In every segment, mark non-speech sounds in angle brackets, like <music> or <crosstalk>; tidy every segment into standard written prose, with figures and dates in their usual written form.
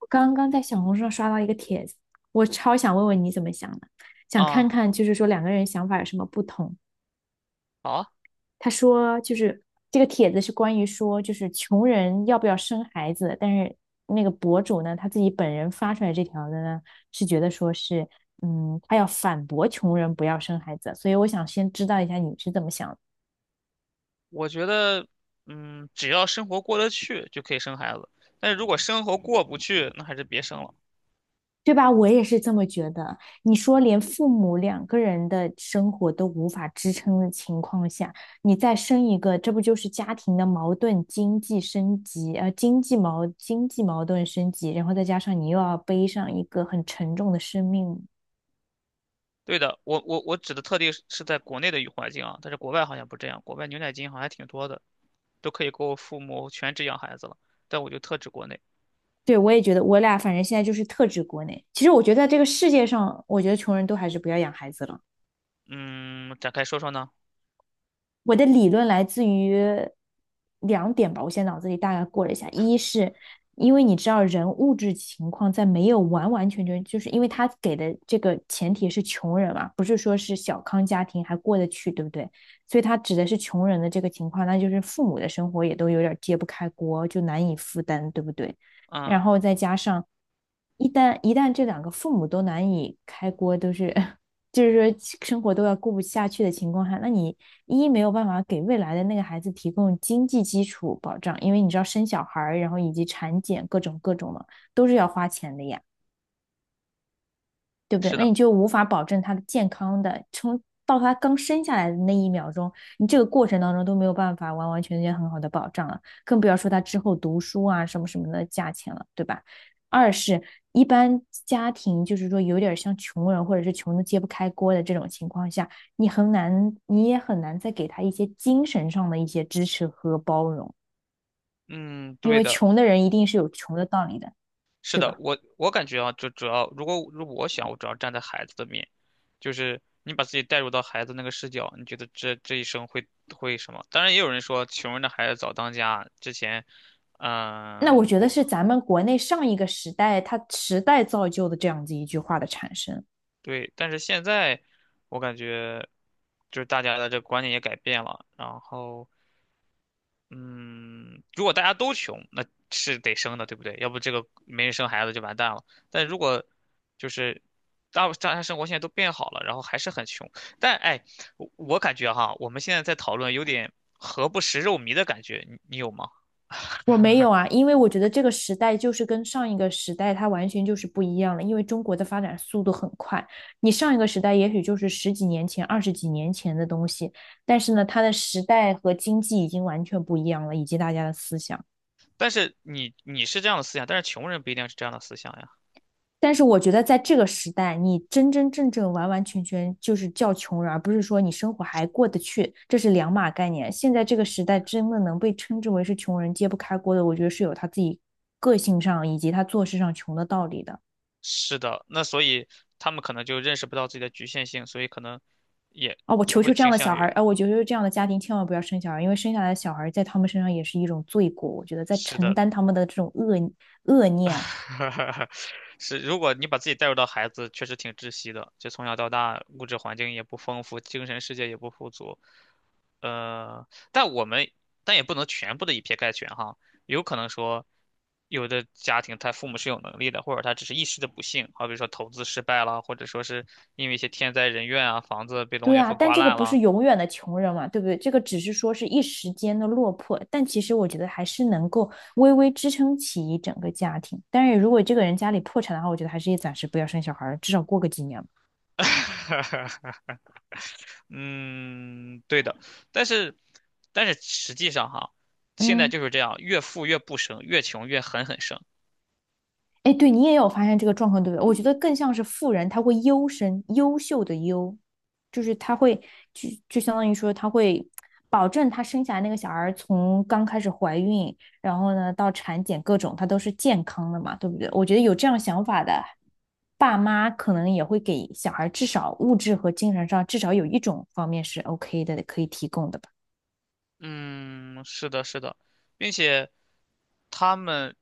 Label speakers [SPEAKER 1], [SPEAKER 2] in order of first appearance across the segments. [SPEAKER 1] 我刚刚在小红书上刷到一个帖子，我超想问问你怎么想的，想看
[SPEAKER 2] 啊，
[SPEAKER 1] 看就是说两个人想法有什么不同。
[SPEAKER 2] 好啊。
[SPEAKER 1] 他说就是这个帖子是关于说就是穷人要不要生孩子，但是那个博主呢他自己本人发出来这条的呢是觉得说是他要反驳穷人不要生孩子，所以我想先知道一下你是怎么想的。
[SPEAKER 2] 我觉得，只要生活过得去就可以生孩子，但是如果生活过不去，那还是别生了。
[SPEAKER 1] 对吧？我也是这么觉得。你说连父母两个人的生活都无法支撑的情况下，你再生一个，这不就是家庭的矛盾、经济升级，呃，经济矛经济矛盾升级，然后再加上你又要背上一个很沉重的生命。
[SPEAKER 2] 对的，我指的特例是在国内的语环境啊，但是国外好像不这样，国外牛奶金好像还挺多的，都可以给我父母全职养孩子了，但我就特指国内。
[SPEAKER 1] 对，我也觉得，我俩反正现在就是特指国内。其实我觉得在这个世界上，我觉得穷人都还是不要养孩子了。
[SPEAKER 2] 嗯，展开说说呢？
[SPEAKER 1] 我的理论来自于两点吧，我现在脑子里大概过了一下，一是因为你知道人物质情况在没有完完全全，就是因为他给的这个前提是穷人嘛，不是说是小康家庭还过得去，对不对？所以他指的是穷人的这个情况，那就是父母的生活也都有点揭不开锅，就难以负担，对不对？
[SPEAKER 2] 嗯，
[SPEAKER 1] 然后再加上一旦这两个父母都难以开锅，都是 <laughs> 就是说生活都要过不下去的情况下，那你一没有办法给未来的那个孩子提供经济基础保障，因为你知道生小孩儿然后以及产检各种各种的都是要花钱的呀。对不对？
[SPEAKER 2] 是
[SPEAKER 1] 那
[SPEAKER 2] 的，
[SPEAKER 1] 你就无法保证他的健康的，从到他刚生下来的那一秒钟，你这个过程当中都没有办法完完全全很好的保障了，更不要说他之后读书啊什么什么的价钱了，对吧？二是，一般家庭就是说有点像穷人或者是穷的揭不开锅的这种情况下，你很难，你也很难再给他一些精神上的一些支持和包容，
[SPEAKER 2] 嗯，
[SPEAKER 1] 因
[SPEAKER 2] 对
[SPEAKER 1] 为
[SPEAKER 2] 的。
[SPEAKER 1] 穷的人一定是有穷的道理的，
[SPEAKER 2] 是
[SPEAKER 1] 对
[SPEAKER 2] 的，
[SPEAKER 1] 吧？
[SPEAKER 2] 我感觉啊，就主要如果我想，我主要站在孩子的面，就是你把自己带入到孩子那个视角，你觉得这一生会什么？当然，也有人说穷人的孩子早当家，之前
[SPEAKER 1] 那我觉得
[SPEAKER 2] 过。
[SPEAKER 1] 是咱们国内上一个时代，它时代造就的这样子一句话的产生。
[SPEAKER 2] 对，但是现在我感觉就是大家的这个观念也改变了，然后，嗯，如果大家都穷，那是得生的，对不对？要不这个没人生孩子就完蛋了。但如果就是大家生活现在都变好了，然后还是很穷，但哎，我感觉哈，我们现在在讨论有点何不食肉糜的感觉，你有吗？
[SPEAKER 1] 我没有啊，因为我觉得这个时代就是跟上一个时代它完全就是不一样了，因为中国的发展速度很快。你上一个时代也许就是十几年前、二十几年前的东西，但是呢，它的时代和经济已经完全不一样了，以及大家的思想。
[SPEAKER 2] 但是你是这样的思想，但是穷人不一定是这样的思想呀。
[SPEAKER 1] 但是我觉得在这个时代，你真真正正完完全全就是叫穷人，而不是说你生活还过得去，这是两码概念。现在这个时代，真的能被称之为是穷人揭不开锅的，我觉得是有他自己个性上以及他做事上穷的道理的。
[SPEAKER 2] 是的，那所以他们可能就认识不到自己的局限性，所以可能也
[SPEAKER 1] 啊，我
[SPEAKER 2] 也
[SPEAKER 1] 求
[SPEAKER 2] 会
[SPEAKER 1] 求这样
[SPEAKER 2] 倾
[SPEAKER 1] 的小
[SPEAKER 2] 向
[SPEAKER 1] 孩
[SPEAKER 2] 于。
[SPEAKER 1] 啊，哎我求求这样的家庭千万不要生小孩，因为生下来的小孩在他们身上也是一种罪过，我觉得在
[SPEAKER 2] 是
[SPEAKER 1] 承
[SPEAKER 2] 的，
[SPEAKER 1] 担他们的这种恶念。
[SPEAKER 2] <laughs> 是，如果你把自己带入到孩子，确实挺窒息的。就从小到大，物质环境也不丰富，精神世界也不富足。呃，但我们但也不能全部的以偏概全哈，有可能说，有的家庭他父母是有能力的，或者他只是一时的不幸，好比说投资失败了，或者说是因为一些天灾人怨啊，房子被龙
[SPEAKER 1] 对
[SPEAKER 2] 卷
[SPEAKER 1] 啊，
[SPEAKER 2] 风
[SPEAKER 1] 但
[SPEAKER 2] 刮
[SPEAKER 1] 这个
[SPEAKER 2] 烂
[SPEAKER 1] 不是
[SPEAKER 2] 了。
[SPEAKER 1] 永远的穷人嘛，对不对？这个只是说是一时间的落魄，但其实我觉得还是能够微微支撑起一整个家庭。但是如果这个人家里破产的话，我觉得还是也暂时不要生小孩儿，至少过个几年吧
[SPEAKER 2] <laughs> 嗯，对的，但是，但是实际上哈，现在
[SPEAKER 1] 嗯。
[SPEAKER 2] 就是这样，越富越不生，越穷越狠狠生。
[SPEAKER 1] 哎，对你也有发现这个状况，对不对？我觉得更像是富人，他会优生，优秀的优，就是他会就相当于说他会保证他生下来那个小孩儿从刚开始怀孕，然后呢到产检各种，他都是健康的嘛，对不对？我觉得有这样想法的爸妈，可能也会给小孩至少物质和精神上至少有一种方面是 OK 的，可以提供的吧。
[SPEAKER 2] 嗯，是的，是的，并且他们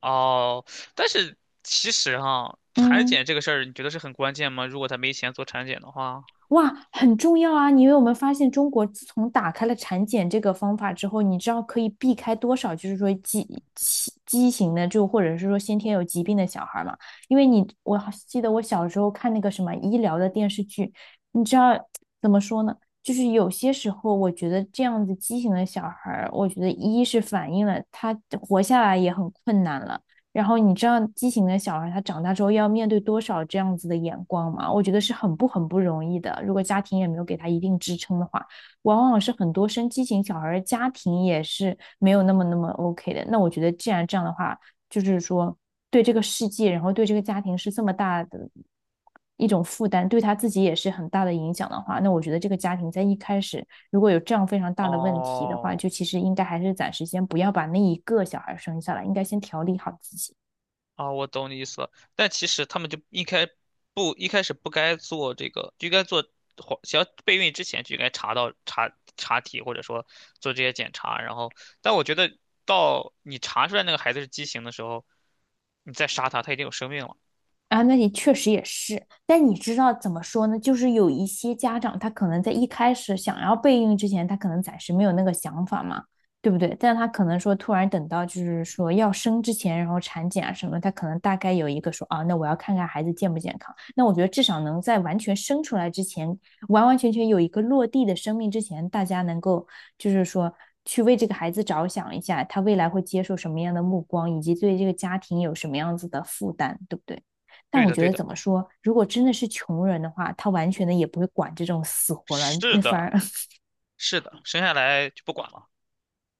[SPEAKER 2] 哦，但是其实哈，产
[SPEAKER 1] 嗯。
[SPEAKER 2] 检这个事儿，你觉得是很关键吗？如果他没钱做产检的话，
[SPEAKER 1] 哇，很重要啊！你有没有发现，中国自从打开了产检这个方法之后，你知道可以避开多少，就是说畸形的，就或者是说先天有疾病的小孩嘛？因为你，我好记得我小时候看那个什么医疗的电视剧，你知道怎么说呢？就是有些时候，我觉得这样子畸形的小孩儿，我觉得一是反映了他活下来也很困难了，然后你知道畸形的小孩他长大之后要面对多少这样子的眼光吗？我觉得是很不容易的。如果家庭也没有给他一定支撑的话，往往是很多生畸形小孩的家庭也是没有那么那么 OK 的。那我觉得既然这样的话，就是说对这个世界，然后对这个家庭是这么大的一种负担，对他自己也是很大的影响的话，那我觉得这个家庭在一开始如果有这样非常大的问题的话，
[SPEAKER 2] 哦，
[SPEAKER 1] 就其实应该还是暂时先不要把那一个小孩生下来，应该先调理好自己。
[SPEAKER 2] 啊，我懂你意思了。但其实他们就一开不一开始不该做这个，就应该做黄，想要备孕之前就应该查到查查体，或者说做这些检查。然后，但我觉得到你查出来那个孩子是畸形的时候，你再杀他，他已经有生命了。
[SPEAKER 1] 啊，那你确实也是，但你知道怎么说呢？就是有一些家长，他可能在一开始想要备孕之前，他可能暂时没有那个想法嘛，对不对？但他可能说突然等到就是说要生之前，然后产检啊什么，他可能大概有一个说啊，那我要看看孩子健不健康。那我觉得至少能在完全生出来之前，完完全全有一个落地的生命之前，大家能够就是说去为这个孩子着想一下，他未来会接受什么样的目光，以及对这个家庭有什么样子的负担，对不对？但
[SPEAKER 2] 对
[SPEAKER 1] 我
[SPEAKER 2] 的，
[SPEAKER 1] 觉
[SPEAKER 2] 对
[SPEAKER 1] 得
[SPEAKER 2] 的，
[SPEAKER 1] 怎么说，如果真的是穷人的话，他完全的也不会管这种死活了，
[SPEAKER 2] 是
[SPEAKER 1] 那反而
[SPEAKER 2] 的，
[SPEAKER 1] <laughs>
[SPEAKER 2] 是的，生下来就不管了。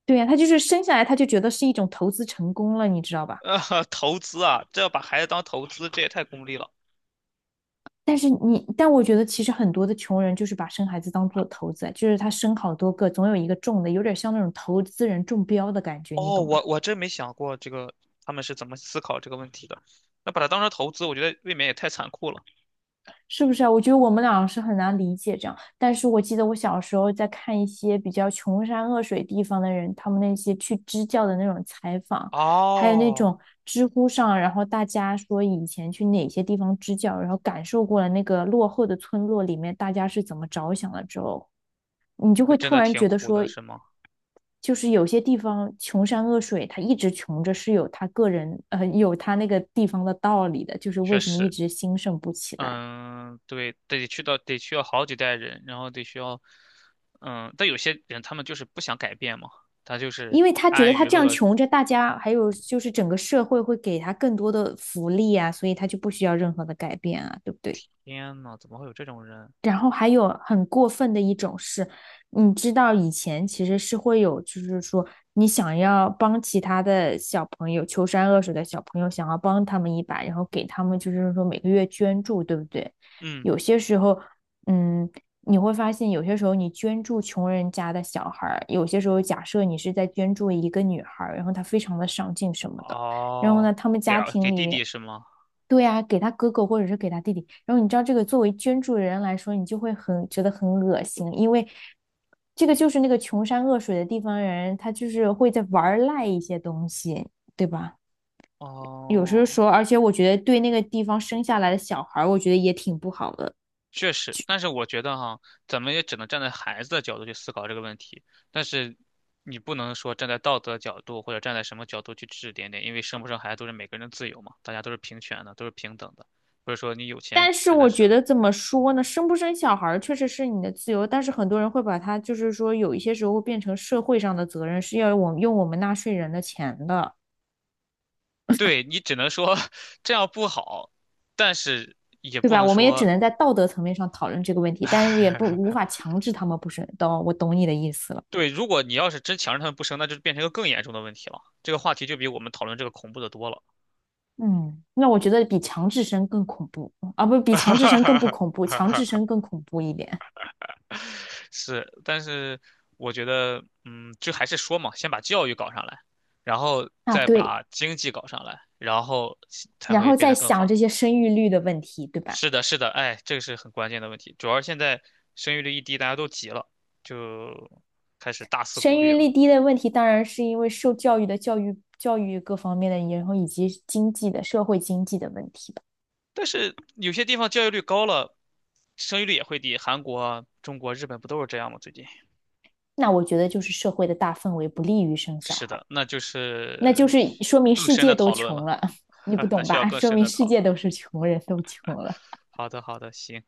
[SPEAKER 1] 对呀、他就是生下来他就觉得是一种投资成功了，你知道吧？
[SPEAKER 2] <laughs> 投资啊，这要把孩子当投资，这也太功利了。
[SPEAKER 1] 但是你，但我觉得其实很多的穷人就是把生孩子当做投资，就是他生好多个，总有一个中的，有点像那种投资人中标的感觉，你
[SPEAKER 2] 哦，
[SPEAKER 1] 懂
[SPEAKER 2] 我
[SPEAKER 1] 吧？
[SPEAKER 2] 我真没想过这个他们是怎么思考这个问题的。那把它当成投资，我觉得未免也太残酷了。
[SPEAKER 1] 是不是啊？我觉得我们俩是很难理解这样，但是我记得我小时候在看一些比较穷山恶水地方的人，他们那些去支教的那种采访，还有那
[SPEAKER 2] 哦，
[SPEAKER 1] 种知乎上，然后大家说以前去哪些地方支教，然后感受过了那个落后的村落里面大家是怎么着想了之后，你就
[SPEAKER 2] 那
[SPEAKER 1] 会
[SPEAKER 2] 真
[SPEAKER 1] 突
[SPEAKER 2] 的
[SPEAKER 1] 然
[SPEAKER 2] 挺
[SPEAKER 1] 觉得
[SPEAKER 2] 苦
[SPEAKER 1] 说，
[SPEAKER 2] 的，是吗？
[SPEAKER 1] 就是有些地方穷山恶水，他一直穷着是有他个人，有他那个地方的道理的，就是为
[SPEAKER 2] 确
[SPEAKER 1] 什么一
[SPEAKER 2] 实，
[SPEAKER 1] 直兴盛不起来。
[SPEAKER 2] 嗯，对，得去到得需要好几代人，然后得需要，嗯，但有些人他们就是不想改变嘛，他就是
[SPEAKER 1] 因为他觉得
[SPEAKER 2] 安
[SPEAKER 1] 他
[SPEAKER 2] 于
[SPEAKER 1] 这样
[SPEAKER 2] 乐。
[SPEAKER 1] 穷着，大家还有就是整个社会会给他更多的福利啊，所以他就不需要任何的改变啊，对不对？
[SPEAKER 2] 天呐，怎么会有这种人？
[SPEAKER 1] 然后还有很过分的一种是，你知道以前其实是会有，就是说你想要帮其他的小朋友，穷山恶水的小朋友，想要帮他们一把，然后给他们就是说每个月捐助，对不对？
[SPEAKER 2] 嗯，
[SPEAKER 1] 有些时候，嗯，你会发现有些时候你捐助穷人家的小孩儿，有些时候假设你是在捐助一个女孩儿，然后她非常的上进什么的，然后
[SPEAKER 2] 哦，
[SPEAKER 1] 呢，他们
[SPEAKER 2] 给
[SPEAKER 1] 家
[SPEAKER 2] 儿
[SPEAKER 1] 庭
[SPEAKER 2] 给
[SPEAKER 1] 里
[SPEAKER 2] 弟
[SPEAKER 1] 面。
[SPEAKER 2] 弟是吗？
[SPEAKER 1] 对呀、给他哥哥或者是给他弟弟。然后你知道这个作为捐助人来说，你就会很觉得很恶心，因为这个就是那个穷山恶水的地方人，他就是会在玩赖一些东西，对吧？有时候
[SPEAKER 2] 哦，
[SPEAKER 1] 说，而且我觉得对那个地方生下来的小孩儿我觉得也挺不好的。
[SPEAKER 2] 确实，但是我觉得哈，咱们也只能站在孩子的角度去思考这个问题，但是你不能说站在道德角度或者站在什么角度去指指点点，因为生不生孩子都是每个人的自由嘛，大家都是平权的，都是平等的，不是说你有钱
[SPEAKER 1] 但是
[SPEAKER 2] 才能
[SPEAKER 1] 我觉
[SPEAKER 2] 生。
[SPEAKER 1] 得怎么说呢，生不生小孩儿确实是你的自由，但是很多人会把它就是说有一些时候变成社会上的责任，是要我用我们纳税人的钱的。
[SPEAKER 2] 对，你只能说 <laughs> 这样不好，但是也
[SPEAKER 1] 对
[SPEAKER 2] 不
[SPEAKER 1] 吧？
[SPEAKER 2] 能
[SPEAKER 1] 我们也只
[SPEAKER 2] 说
[SPEAKER 1] 能在道德层面上讨论这个问题，但是也不无
[SPEAKER 2] <laughs>
[SPEAKER 1] 法强制他们不生。懂，我懂你的意思了。
[SPEAKER 2] 对，如果你要是真强制他们不生，那就变成一个更严重的问题了。这个话题就比我们讨论这个恐怖的多了。
[SPEAKER 1] 嗯，那我觉得比强制生更恐怖啊，不，比强制生更不恐怖，强制
[SPEAKER 2] <laughs>
[SPEAKER 1] 生更恐怖一点
[SPEAKER 2] 是，但是我觉得，嗯，就还是说嘛，先把教育搞上来，然后
[SPEAKER 1] 啊。
[SPEAKER 2] 再
[SPEAKER 1] 对，
[SPEAKER 2] 把经济搞上来，然后才
[SPEAKER 1] 然
[SPEAKER 2] 会
[SPEAKER 1] 后
[SPEAKER 2] 变
[SPEAKER 1] 再
[SPEAKER 2] 得更
[SPEAKER 1] 想
[SPEAKER 2] 好。
[SPEAKER 1] 这些生育率的问题，对吧？
[SPEAKER 2] 是的，是的，哎，这个是很关键的问题。主要是现在生育率一低，大家都急了，就开始大肆鼓
[SPEAKER 1] 生育
[SPEAKER 2] 励了。
[SPEAKER 1] 率低的问题，当然是因为受教育的教育、教育各方面的，然后以及经济的、社会经济的问题吧。
[SPEAKER 2] 但是有些地方教育率高了，生育率也会低。韩国啊中国、日本不都是这样吗？最近
[SPEAKER 1] 那我觉得就是社会的大氛围不利于生小
[SPEAKER 2] 是
[SPEAKER 1] 孩。
[SPEAKER 2] 的，那就
[SPEAKER 1] 那就
[SPEAKER 2] 是
[SPEAKER 1] 是说明
[SPEAKER 2] 更
[SPEAKER 1] 世
[SPEAKER 2] 深
[SPEAKER 1] 界
[SPEAKER 2] 的
[SPEAKER 1] 都
[SPEAKER 2] 讨论
[SPEAKER 1] 穷
[SPEAKER 2] 了，
[SPEAKER 1] 了，<laughs> 你不
[SPEAKER 2] <laughs> 那
[SPEAKER 1] 懂
[SPEAKER 2] 需要
[SPEAKER 1] 吧？
[SPEAKER 2] 更
[SPEAKER 1] 说
[SPEAKER 2] 深
[SPEAKER 1] 明
[SPEAKER 2] 的
[SPEAKER 1] 世
[SPEAKER 2] 讨
[SPEAKER 1] 界
[SPEAKER 2] 论。
[SPEAKER 1] 都是穷人，都穷了。
[SPEAKER 2] 好的，好的，行。